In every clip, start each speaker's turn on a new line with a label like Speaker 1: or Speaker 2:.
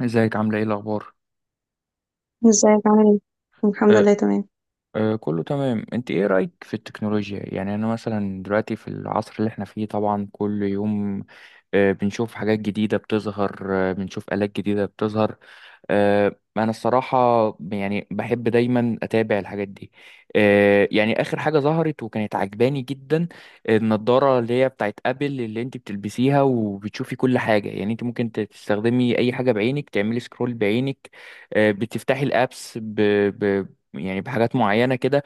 Speaker 1: ازيك عاملة ايه الأخبار؟
Speaker 2: ازيك عامل ايه. الحمد
Speaker 1: أه
Speaker 2: لله تمام.
Speaker 1: أه، كله تمام، انت ايه رأيك في التكنولوجيا؟ يعني انا مثلا دلوقتي في العصر اللي احنا فيه طبعا كل يوم بنشوف حاجات جديدة بتظهر، بنشوف آلات جديدة بتظهر. انا الصراحه يعني بحب دايما اتابع الحاجات دي. يعني اخر حاجه ظهرت وكانت عجباني جدا النضاره اللي هي بتاعت ابل، اللي انت بتلبسيها وبتشوفي كل حاجه. يعني انت ممكن تستخدمي اي حاجه بعينك، تعملي سكرول بعينك، بتفتحي الابس ب... يعني بحاجات معينه كده.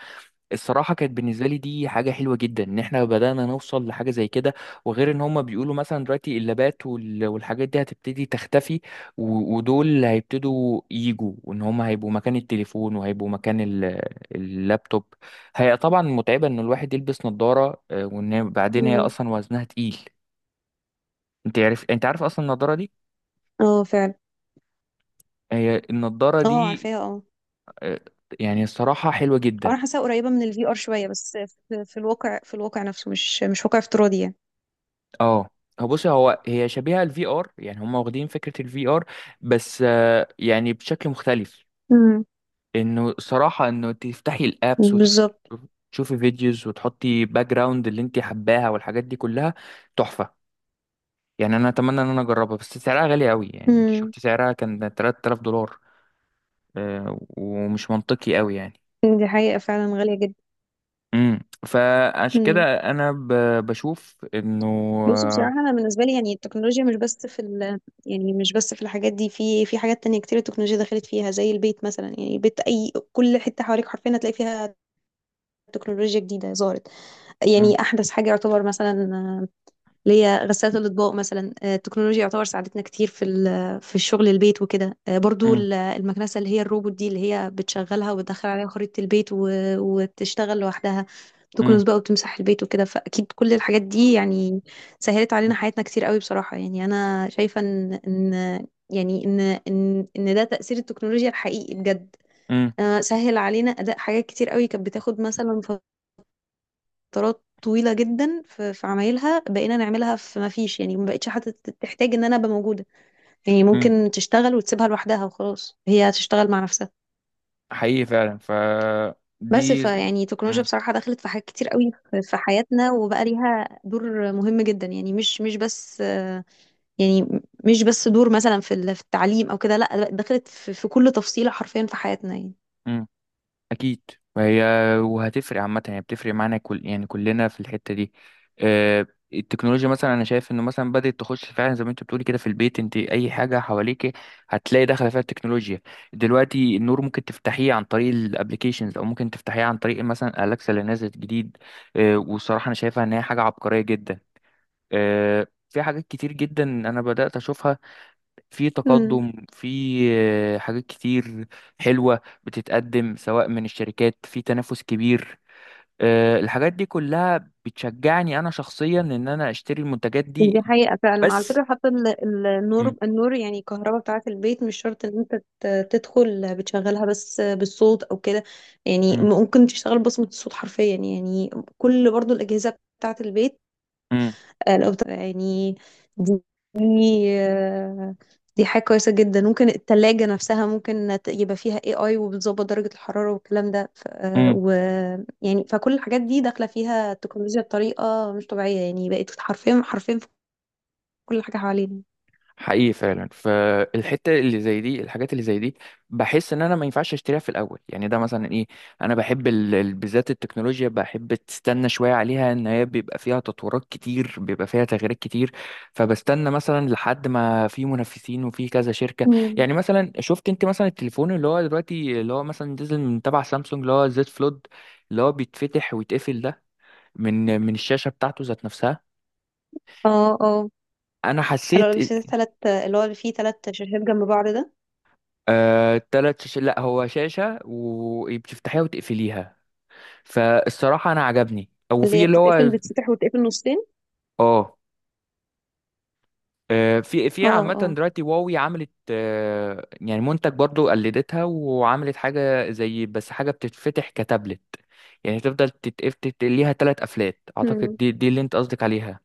Speaker 1: الصراحة كانت بالنسبة لي دي حاجة حلوة جدا ان احنا بدأنا نوصل لحاجة زي كده. وغير ان هما بيقولوا مثلا دلوقتي اللابات والحاجات دي هتبتدي تختفي، ودول هيبتدوا يجوا، وان هما هيبقوا مكان التليفون وهيبقوا مكان اللابتوب. هي طبعا متعبة ان الواحد يلبس نظارة، وان بعدين هي
Speaker 2: مم.
Speaker 1: اصلا وزنها تقيل. انت عارف اصلا النظارة دي،
Speaker 2: اه، فعلا.
Speaker 1: هي النظارة
Speaker 2: اه،
Speaker 1: دي
Speaker 2: عارفاها، اه.
Speaker 1: آه، يعني الصراحة حلوة جدا.
Speaker 2: انا حاساها قريبه من الفي ار شويه بس. في الواقع في الواقع نفسه، مش واقع افتراضي، يعني.
Speaker 1: اه، هو بص، هي شبيهة الفي ار، يعني هم واخدين فكرة الفي ار، بس يعني بشكل مختلف.
Speaker 2: امم.
Speaker 1: انه صراحة انه تفتحي الابس
Speaker 2: بالظبط.
Speaker 1: وتشوفي فيديوز وتحطي باك جراوند اللي انت حباها والحاجات دي كلها تحفة. يعني انا اتمنى ان انا اجربها، بس سعرها غالي قوي. يعني انت
Speaker 2: امم.
Speaker 1: شفت سعرها كان 3000 دولار، ومش منطقي قوي يعني.
Speaker 2: دي حقيقه فعلا، غاليه جدا.
Speaker 1: امم فعشان كده
Speaker 2: امم.
Speaker 1: انا بشوف انه
Speaker 2: بص،
Speaker 1: آه،
Speaker 2: بصراحه انا بالنسبه لي يعني التكنولوجيا مش بس في ال يعني مش بس في الحاجات دي، في حاجات تانية كتير التكنولوجيا دخلت فيها، زي البيت مثلا. يعني البيت اي كل حته حواليك حرفيا هتلاقي فيها تكنولوجيا جديده ظهرت.
Speaker 1: مم،
Speaker 2: يعني احدث حاجه يعتبر مثلا اللي هي غسالة الأطباق مثلا، التكنولوجيا يعتبر ساعدتنا كتير في الشغل البيت وكده. برضو
Speaker 1: مم،
Speaker 2: المكنسة اللي هي الروبوت دي، اللي هي بتشغلها وبتدخل عليها خريطة البيت و- وتشتغل لوحدها،
Speaker 1: مم،
Speaker 2: تكنس بقى وتمسح البيت وكده. فأكيد كل الحاجات دي يعني سهلت علينا حياتنا كتير قوي، بصراحة. يعني أنا شايفة إن إن يعني إن إن إن ده تأثير التكنولوجيا الحقيقي بجد.
Speaker 1: مم،
Speaker 2: سهل علينا أداء حاجات كتير قوي، كانت بتاخد مثلا فترات طويلة جدا في عمايلها، بقينا نعملها في ما فيش. يعني ما بقتش حتى تحتاج ان انا ابقى موجودة. يعني
Speaker 1: مم،
Speaker 2: ممكن تشتغل وتسيبها لوحدها وخلاص، هي هتشتغل مع نفسها.
Speaker 1: حقيقي فعلا. ف
Speaker 2: بس
Speaker 1: دي
Speaker 2: فيعني التكنولوجيا
Speaker 1: مم.
Speaker 2: بصراحة دخلت في حاجات كتير قوي في حياتنا، وبقى ليها دور مهم جدا. يعني مش بس يعني مش بس دور مثلا في التعليم او كده، لا، دخلت في كل تفصيلة حرفيا في حياتنا،
Speaker 1: مم. اكيد. وهي وهتفرق عامه، يعني بتفرق معانا، كل يعني كلنا في الحته دي. آه، التكنولوجيا مثلا انا شايف انه مثلا بدات تخش فعلا زي ما انت بتقولي كده في البيت. انت اي حاجه حواليك هتلاقي داخله فيها التكنولوجيا. دلوقتي النور ممكن تفتحيه عن طريق الابليكيشنز او ممكن تفتحيه عن طريق مثلا الاكسا اللي نازل جديد. والصراحه انا شايفها ان هي حاجه عبقريه جدا. في حاجات كتير جدا انا بدات اشوفها، في
Speaker 2: يعني.
Speaker 1: تقدم في حاجات كتير حلوة بتتقدم، سواء من الشركات في تنافس كبير. الحاجات دي كلها بتشجعني أنا شخصيا إن أنا أشتري المنتجات دي.
Speaker 2: دي حقيقة فعلا. على
Speaker 1: بس
Speaker 2: فكرة، حتى ال- ال-
Speaker 1: مم،
Speaker 2: النور النور يعني الكهرباء بتاعة البيت مش شرط ان انت تدخل بتشغلها، بس بالصوت او كده. يعني ممكن تشتغل بصمة الصوت حرفيا، يعني كل برضو الأجهزة بتاعة البيت.
Speaker 1: مم،
Speaker 2: يعني دي دي آه، دي حاجة كويسة جدا. ممكن التلاجة نفسها ممكن يبقى فيها اي اي، وبتظبط درجة الحرارة والكلام ده. ف- آه،
Speaker 1: مم،
Speaker 2: و يعني فكل الحاجات دي داخلة فيها التكنولوجيا بطريقة مش طبيعية، يعني بقت حرفيا حرفيا كل حاجة حوالينا.
Speaker 1: حقيقي فعلا. فالحته اللي زي دي، الحاجات اللي زي دي بحس ان انا ما ينفعش اشتريها في الاول. يعني ده مثلا ايه، انا بحب بالذات التكنولوجيا بحب تستنى شويه عليها، ان هي بيبقى فيها تطورات كتير، بيبقى فيها تغييرات كتير. فبستنى مثلا لحد ما في منافسين وفي كذا شركه.
Speaker 2: مم.
Speaker 1: يعني مثلا شفت انت مثلا التليفون اللي هو دلوقتي اللي هو مثلا نزل من تبع سامسونج، اللي هو زد فلود، اللي هو بيتفتح ويتقفل ده من الشاشه بتاعته ذات نفسها.
Speaker 2: اه، اه.
Speaker 1: انا
Speaker 2: انا
Speaker 1: حسيت
Speaker 2: اللي بيشتري تلات، اللي هو اللي فيه تلات شاشات جنب بعض ده.
Speaker 1: تلات شاشات. لا، هو شاشة وبتفتحيها وتقفليها. فالصراحة أنا عجبني أو
Speaker 2: اللي
Speaker 1: في
Speaker 2: هي
Speaker 1: اللي
Speaker 2: بتتقفل،
Speaker 1: هو
Speaker 2: بتتفتح وتتقفل نصين.
Speaker 1: اه. في في
Speaker 2: اه،
Speaker 1: عامة
Speaker 2: اه.
Speaker 1: دلوقتي واوي عملت يعني منتج برضو قلدتها وعملت حاجة زي، بس حاجة بتتفتح كتابلت. يعني تفضل تتقف ليها تلات قفلات، أعتقد
Speaker 2: مم.
Speaker 1: دي اللي أنت قصدك عليها.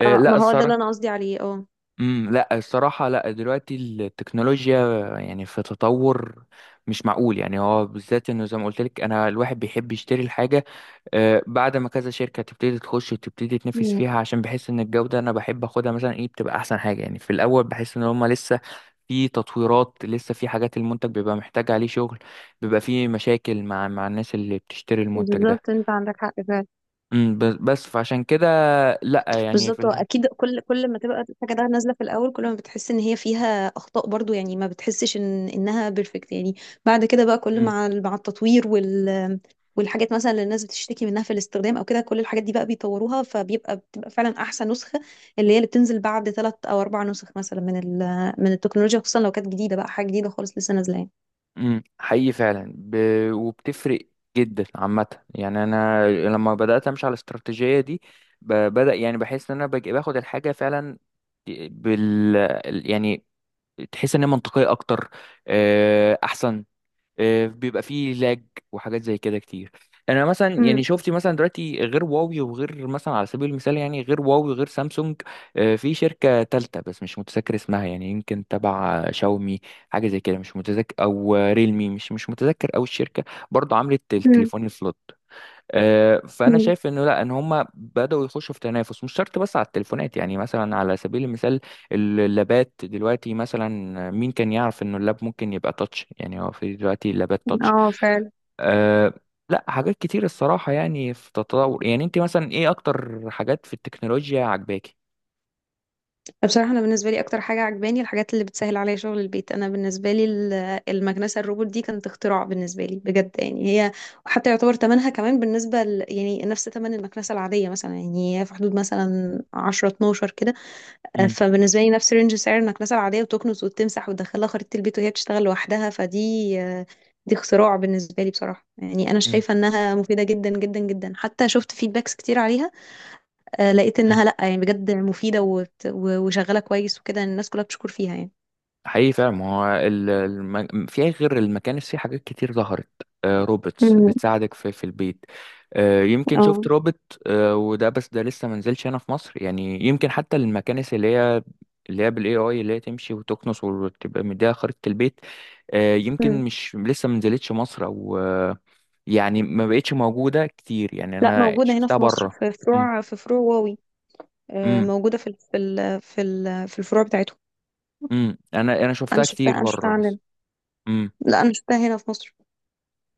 Speaker 2: اه،
Speaker 1: لا
Speaker 2: ما هو ده اللي
Speaker 1: الصراحة.
Speaker 2: انا قصدي عليه، اه.
Speaker 1: لا الصراحة، لا دلوقتي التكنولوجيا يعني في تطور مش معقول. يعني هو بالذات، انه زي ما قلت لك انا الواحد بيحب يشتري الحاجة بعد ما كذا شركة تبتدي تخش وتبتدي تنافس
Speaker 2: مم.
Speaker 1: فيها، عشان بحس ان الجودة انا بحب اخدها مثلا ايه، بتبقى احسن حاجة. يعني في الاول بحس ان هما لسه في تطويرات، لسه في حاجات المنتج بيبقى محتاج عليه شغل، بيبقى في مشاكل مع الناس اللي بتشتري المنتج ده.
Speaker 2: بالظبط، انت عندك حق فعلا.
Speaker 1: امم، بس فعشان كده لا، يعني في
Speaker 2: بالظبط، هو اكيد كل ما تبقى الحاجه ده نازله في الاول كل ما بتحس ان هي فيها اخطاء، برضو يعني ما بتحسش ان انها بيرفكت، يعني. بعد كده بقى كل
Speaker 1: امم.
Speaker 2: مع التطوير والحاجات مثلا اللي الناس بتشتكي منها في الاستخدام او كده، كل الحاجات دي بقى بيطوروها بتبقى فعلا احسن نسخه، اللي هي اللي بتنزل بعد 3 أو 4 نسخ مثلا من التكنولوجيا، خصوصا لو كانت جديده بقى، حاجه جديده خالص لسه نازله، يعني.
Speaker 1: حقيقي فعلا. وبتفرق جدا عامة. يعني أنا لما بدأت أمشي على الاستراتيجية دي بدأ يعني بحس إن أنا باخد الحاجة فعلا بال يعني تحس إن هي منطقية أكتر، أحسن. بيبقى فيه لاج وحاجات زي كده كتير. يعني انا مثلا يعني
Speaker 2: امم،
Speaker 1: شفتي مثلا دلوقتي غير هواوي وغير مثلا، على سبيل المثال يعني، غير هواوي وغير سامسونج في شركة تالتة بس مش متذكر اسمها، يعني يمكن تبع شاومي حاجة زي كده مش متذكر، او ريلمي مش متذكر، او الشركة برضه عملت
Speaker 2: امم،
Speaker 1: التليفون الفلوت. فانا
Speaker 2: أمم.
Speaker 1: شايف انه لا، ان هم بداوا يخشوا في تنافس مش شرط بس على التليفونات. يعني مثلا على سبيل المثال اللابات دلوقتي مثلا، مين كان يعرف انه اللاب ممكن يبقى تاتش؟ يعني هو في دلوقتي اللابات تاتش.
Speaker 2: اه.
Speaker 1: أه، لا حاجات كتير الصراحة، يعني في تطور. يعني انت مثلا ايه اكتر حاجات في التكنولوجيا عجباكي؟
Speaker 2: بصراحة أنا بالنسبة لي أكتر حاجة عجباني الحاجات اللي بتسهل عليا شغل البيت. أنا بالنسبة لي المكنسة الروبوت دي كانت اختراع بالنسبة لي بجد. يعني هي حتى يعتبر تمنها كمان يعني نفس تمن المكنسة العادية مثلا، يعني هي في حدود مثلا 10 12 كده.
Speaker 1: مم،
Speaker 2: فبالنسبة لي نفس رينج سعر المكنسة العادية، وتكنس وتمسح وتدخلها خريطة البيت وهي بتشتغل لوحدها. فدي آه، دي اختراع بالنسبة لي بصراحة. يعني أنا شايفة إنها مفيدة جدا جدا جدا، حتى شفت فيدباكس كتير عليها. لقيت
Speaker 1: مم،
Speaker 2: انها لا، يعني بجد مفيده وبت- و- وشغاله كويس وكده، الناس كلها بتشكر فيها، يعني.
Speaker 1: حقيقي فعلا. ما هو في غير المكانس في حاجات كتير ظهرت، روبوتس
Speaker 2: امم.
Speaker 1: بتساعدك في في البيت. يمكن شفت
Speaker 2: اه.
Speaker 1: روبوت، وده بس ده لسه ما نزلش هنا في مصر. يعني يمكن حتى المكانس اللي هي اللي هي بالاي اي، اللي هي تمشي وتكنس وتبقى مديها خريطة البيت، يمكن
Speaker 2: مم.
Speaker 1: مش، لسه ما نزلتش مصر او يعني ما بقتش موجودة كتير. يعني
Speaker 2: لا،
Speaker 1: انا
Speaker 2: موجوده هنا
Speaker 1: شفتها
Speaker 2: في مصر،
Speaker 1: بره.
Speaker 2: في
Speaker 1: امم
Speaker 2: فروع في فروع واوي.
Speaker 1: امم
Speaker 2: موجوده في الفروع بتاعتهم.
Speaker 1: انا
Speaker 2: انا
Speaker 1: شفتها
Speaker 2: شفتها
Speaker 1: كتير
Speaker 2: انا
Speaker 1: بره
Speaker 2: شفتها
Speaker 1: بس.
Speaker 2: عندنا.
Speaker 1: امم.
Speaker 2: لا، انا شفتها هنا في مصر.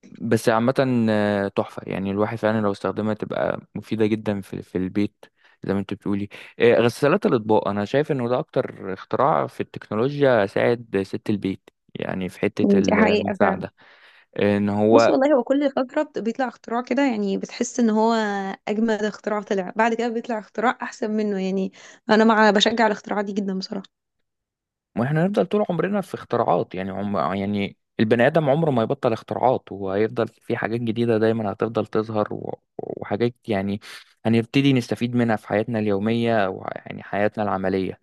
Speaker 1: بس عامة تحفة. يعني الواحد فعلا لو استخدمها تبقى مفيدة جدا في في البيت زي ما انت بتقولي. غسالات الأطباق أنا شايف إنه ده أكتر اختراع في التكنولوجيا ساعد ست البيت، يعني في حتة
Speaker 2: مم. دي حقيقة فعلا.
Speaker 1: المساعدة. إن
Speaker 2: بص،
Speaker 1: هو،
Speaker 2: والله هو كل فترة بيطلع اختراع كده، يعني بتحس ان هو اجمد اختراع طلع، بعد كده بيطلع اختراع احسن منه، يعني. انا بشجع الاختراعات دي جدا، بصراحة.
Speaker 1: وإحنا هنفضل طول عمرنا في اختراعات. يعني عم، يعني البني آدم عمره ما يبطل اختراعات، وهيفضل في حاجات جديدة دايما هتفضل تظهر، وحاجات يعني هنبتدي نستفيد منها في حياتنا اليومية ويعني حياتنا العملية.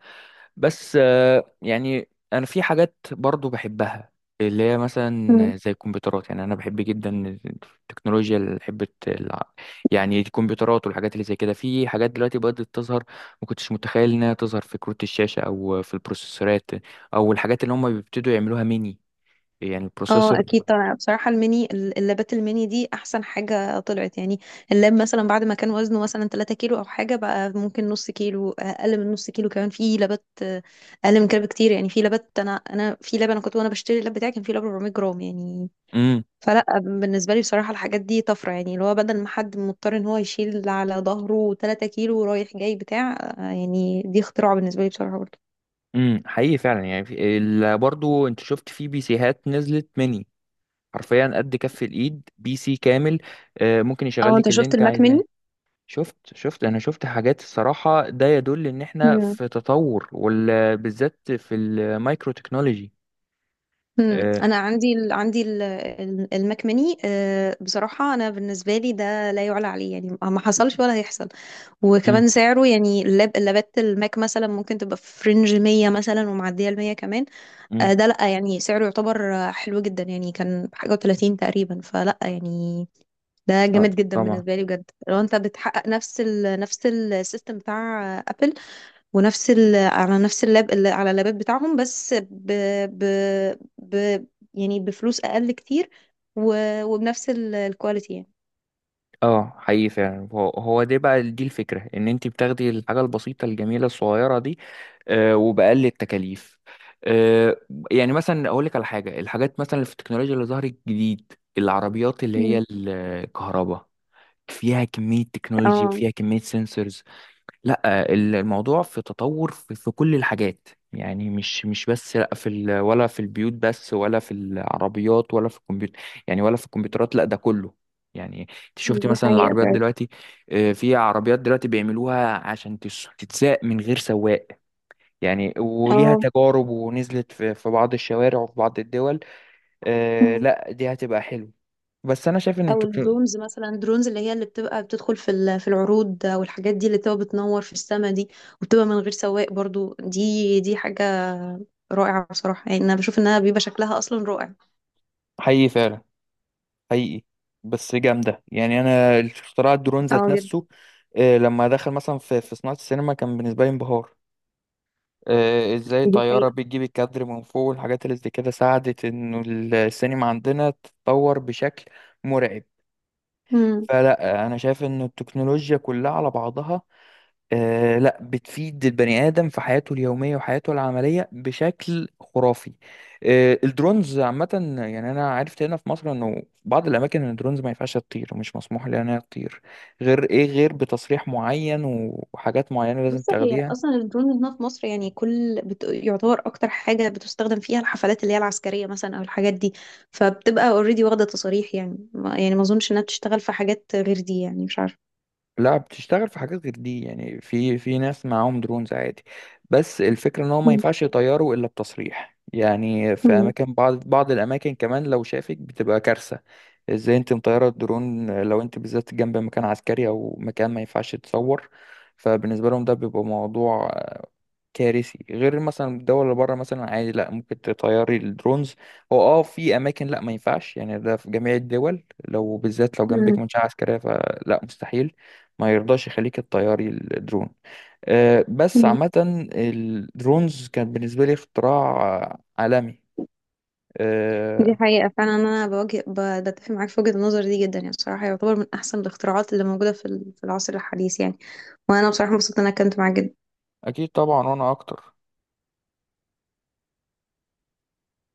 Speaker 1: بس يعني انا في حاجات برضو بحبها اللي هي مثلا زي الكمبيوترات. يعني انا بحب جدا التكنولوجيا، اللي بحب يعني الكمبيوترات والحاجات اللي زي كده. في حاجات دلوقتي بدأت تظهر ما كنتش متخيل انها تظهر، في كروت الشاشة او في البروسيسورات، او الحاجات اللي هم بيبتدوا يعملوها ميني، يعني
Speaker 2: اه،
Speaker 1: البروسيسور.
Speaker 2: اكيد طبعا. بصراحه الميني اللابات الميني دي احسن حاجه طلعت، يعني اللاب مثلا بعد ما كان وزنه مثلا 3 كيلو او حاجه، بقى ممكن نص كيلو، اقل من نص كيلو، كمان في لابات اقل من كده بكتير. يعني في لابات، انا في لاب، انا كنت وانا بشتري اللاب بتاعي كان في لاب 400 جرام، يعني.
Speaker 1: امم
Speaker 2: فلا، بالنسبه لي بصراحه الحاجات دي طفره، يعني اللي هو بدل ما حد مضطر ان هو يشيل على ظهره 3 كيلو رايح جاي بتاع، يعني دي اختراع بالنسبه لي، بصراحه، برضه.
Speaker 1: حقيقي فعلا. يعني برضو انت شفت في بي سيهات نزلت ميني، حرفيا قد كف الايد بي سي كامل. ممكن يشغل
Speaker 2: اه، انت
Speaker 1: لك اللي
Speaker 2: شفت
Speaker 1: انت
Speaker 2: الماك
Speaker 1: عايزاه. شفت، انا شفت حاجات، الصراحة ده يدل ان احنا
Speaker 2: ميني.
Speaker 1: في تطور وبالذات في المايكرو تكنولوجي. آه،
Speaker 2: انا عندي المكمني بصراحه انا بالنسبه لي ده لا يعلى عليه، يعني ما حصلش ولا هيحصل.
Speaker 1: أم،
Speaker 2: وكمان سعره، يعني اللابات الماك مثلا ممكن تبقى في فرنج 100 مثلا، ومعديه ال 100 كمان.
Speaker 1: أم،
Speaker 2: ده لا يعني سعره يعتبر حلو جدا، يعني كان حاجه و30 تقريبا، فلا يعني. ده
Speaker 1: آه،
Speaker 2: جامد جدا
Speaker 1: طبعا.
Speaker 2: بالنسبه لي بجد، لو انت بتحقق نفس نفس السيستم بتاع ابل، على نفس اللاب اللي على اللابات بتاعهم، بس ب... ب... يعني بفلوس اقل كتير، و... وبنفس الكواليتي، يعني.
Speaker 1: اه حقيقي فعلا. هو هو ده بقى، دي الفكرة ان انت بتاخدي الحاجة البسيطة الجميلة الصغيرة دي وبأقل التكاليف. آه، يعني مثلا اقول لك على حاجة، الحاجات مثلا اللي في التكنولوجيا اللي ظهرت جديد، العربيات اللي
Speaker 2: مم.
Speaker 1: هي الكهرباء، فيها كمية تكنولوجي
Speaker 2: اه،
Speaker 1: وفيها كمية سنسورز. لا الموضوع في تطور في كل الحاجات. يعني مش بس لا في ولا في البيوت بس، ولا في العربيات، ولا في الكمبيوتر، يعني ولا في الكمبيوترات، لا ده كله. يعني انت شفتي
Speaker 2: دي
Speaker 1: مثلا
Speaker 2: حقيقة
Speaker 1: العربيات
Speaker 2: فعلا.
Speaker 1: دلوقتي في عربيات دلوقتي بيعملوها عشان تتساق من غير سواق. يعني وليها
Speaker 2: اه.
Speaker 1: تجارب ونزلت في بعض الشوارع وفي بعض الدول.
Speaker 2: مم.
Speaker 1: لا دي هتبقى حلو. بس انا شايف ان
Speaker 2: او
Speaker 1: التكنولوجيا
Speaker 2: الدرونز مثلا، الدرونز اللي بتبقى بتدخل في العروض والحاجات دي، اللي بتبقى بتنور في السما دي، وبتبقى من غير سواق برضو. دي حاجة رائعة بصراحة، يعني انا بشوف انها بيبقى شكلها اصلا رائع.
Speaker 1: حقيقي فعلا، حقيقي. بس جامدة. يعني أنا اختراع الدرون ذات
Speaker 2: اه، جدا.
Speaker 1: نفسه، لما دخل مثلا في في صناعة السينما كان بالنسبة لي انبهار. ازاي
Speaker 2: دي
Speaker 1: طيارة
Speaker 2: حقيقة.
Speaker 1: بتجيب الكادر من فوق والحاجات اللي زي كده، ساعدت انه السينما عندنا تتطور بشكل مرعب. فلا انا شايف ان التكنولوجيا كلها على بعضها آه لا بتفيد البني آدم في حياته اليومية وحياته العملية بشكل خرافي. آه الدرونز عامة، يعني أنا عرفت هنا في مصر إنه في بعض الأماكن إن الدرونز ما ينفعش تطير، مش مسموح لها إنها تطير غير إيه، غير بتصريح معين وحاجات معينة لازم
Speaker 2: بص، هي
Speaker 1: تاخديها.
Speaker 2: اصلا الدرون هنا في مصر يعني يعتبر اكتر حاجه بتستخدم فيها الحفلات اللي هي العسكريه مثلا، او الحاجات دي، فبتبقى اوريدي واخده تصاريح. يعني ما... يعني ما اظنش انها بتشتغل في حاجات غير دي، يعني مش عارفه.
Speaker 1: لا بتشتغل في حاجات غير دي، يعني في في ناس معاهم درونز عادي، بس الفكرة ان هو ما
Speaker 2: مم.
Speaker 1: ينفعش يطيروا الا بتصريح. يعني في
Speaker 2: مم.
Speaker 1: اماكن، بعض الاماكن كمان لو شافك بتبقى كارثة. ازاي انت مطيرة الدرون لو انت بالذات جنب مكان عسكري او مكان ما ينفعش تصور؟ فبالنسبة لهم ده بيبقى موضوع كارثي. غير مثلا الدول اللي بره مثلا عادي، لا ممكن تطيري الدرونز. هو اه في اماكن لا ما ينفعش، يعني ده في جميع الدول، لو بالذات لو جنبك
Speaker 2: مم.
Speaker 1: منشاه عسكريه فلا، مستحيل ما يرضاش يخليك تطيري الدرون. بس
Speaker 2: مم.
Speaker 1: عامه الدرونز كان بالنسبه لي اختراع عالمي.
Speaker 2: دي
Speaker 1: آه،
Speaker 2: حقيقه فعلا، انا بتفق معاك في وجهه النظر دي جدا، يعني بصراحه يعتبر من احسن الاختراعات اللي موجوده في العصر الحديث، يعني. وانا بصراحه مبسوطه ان انا كنت معاك جدا.
Speaker 1: اكيد طبعا، وانا اكتر.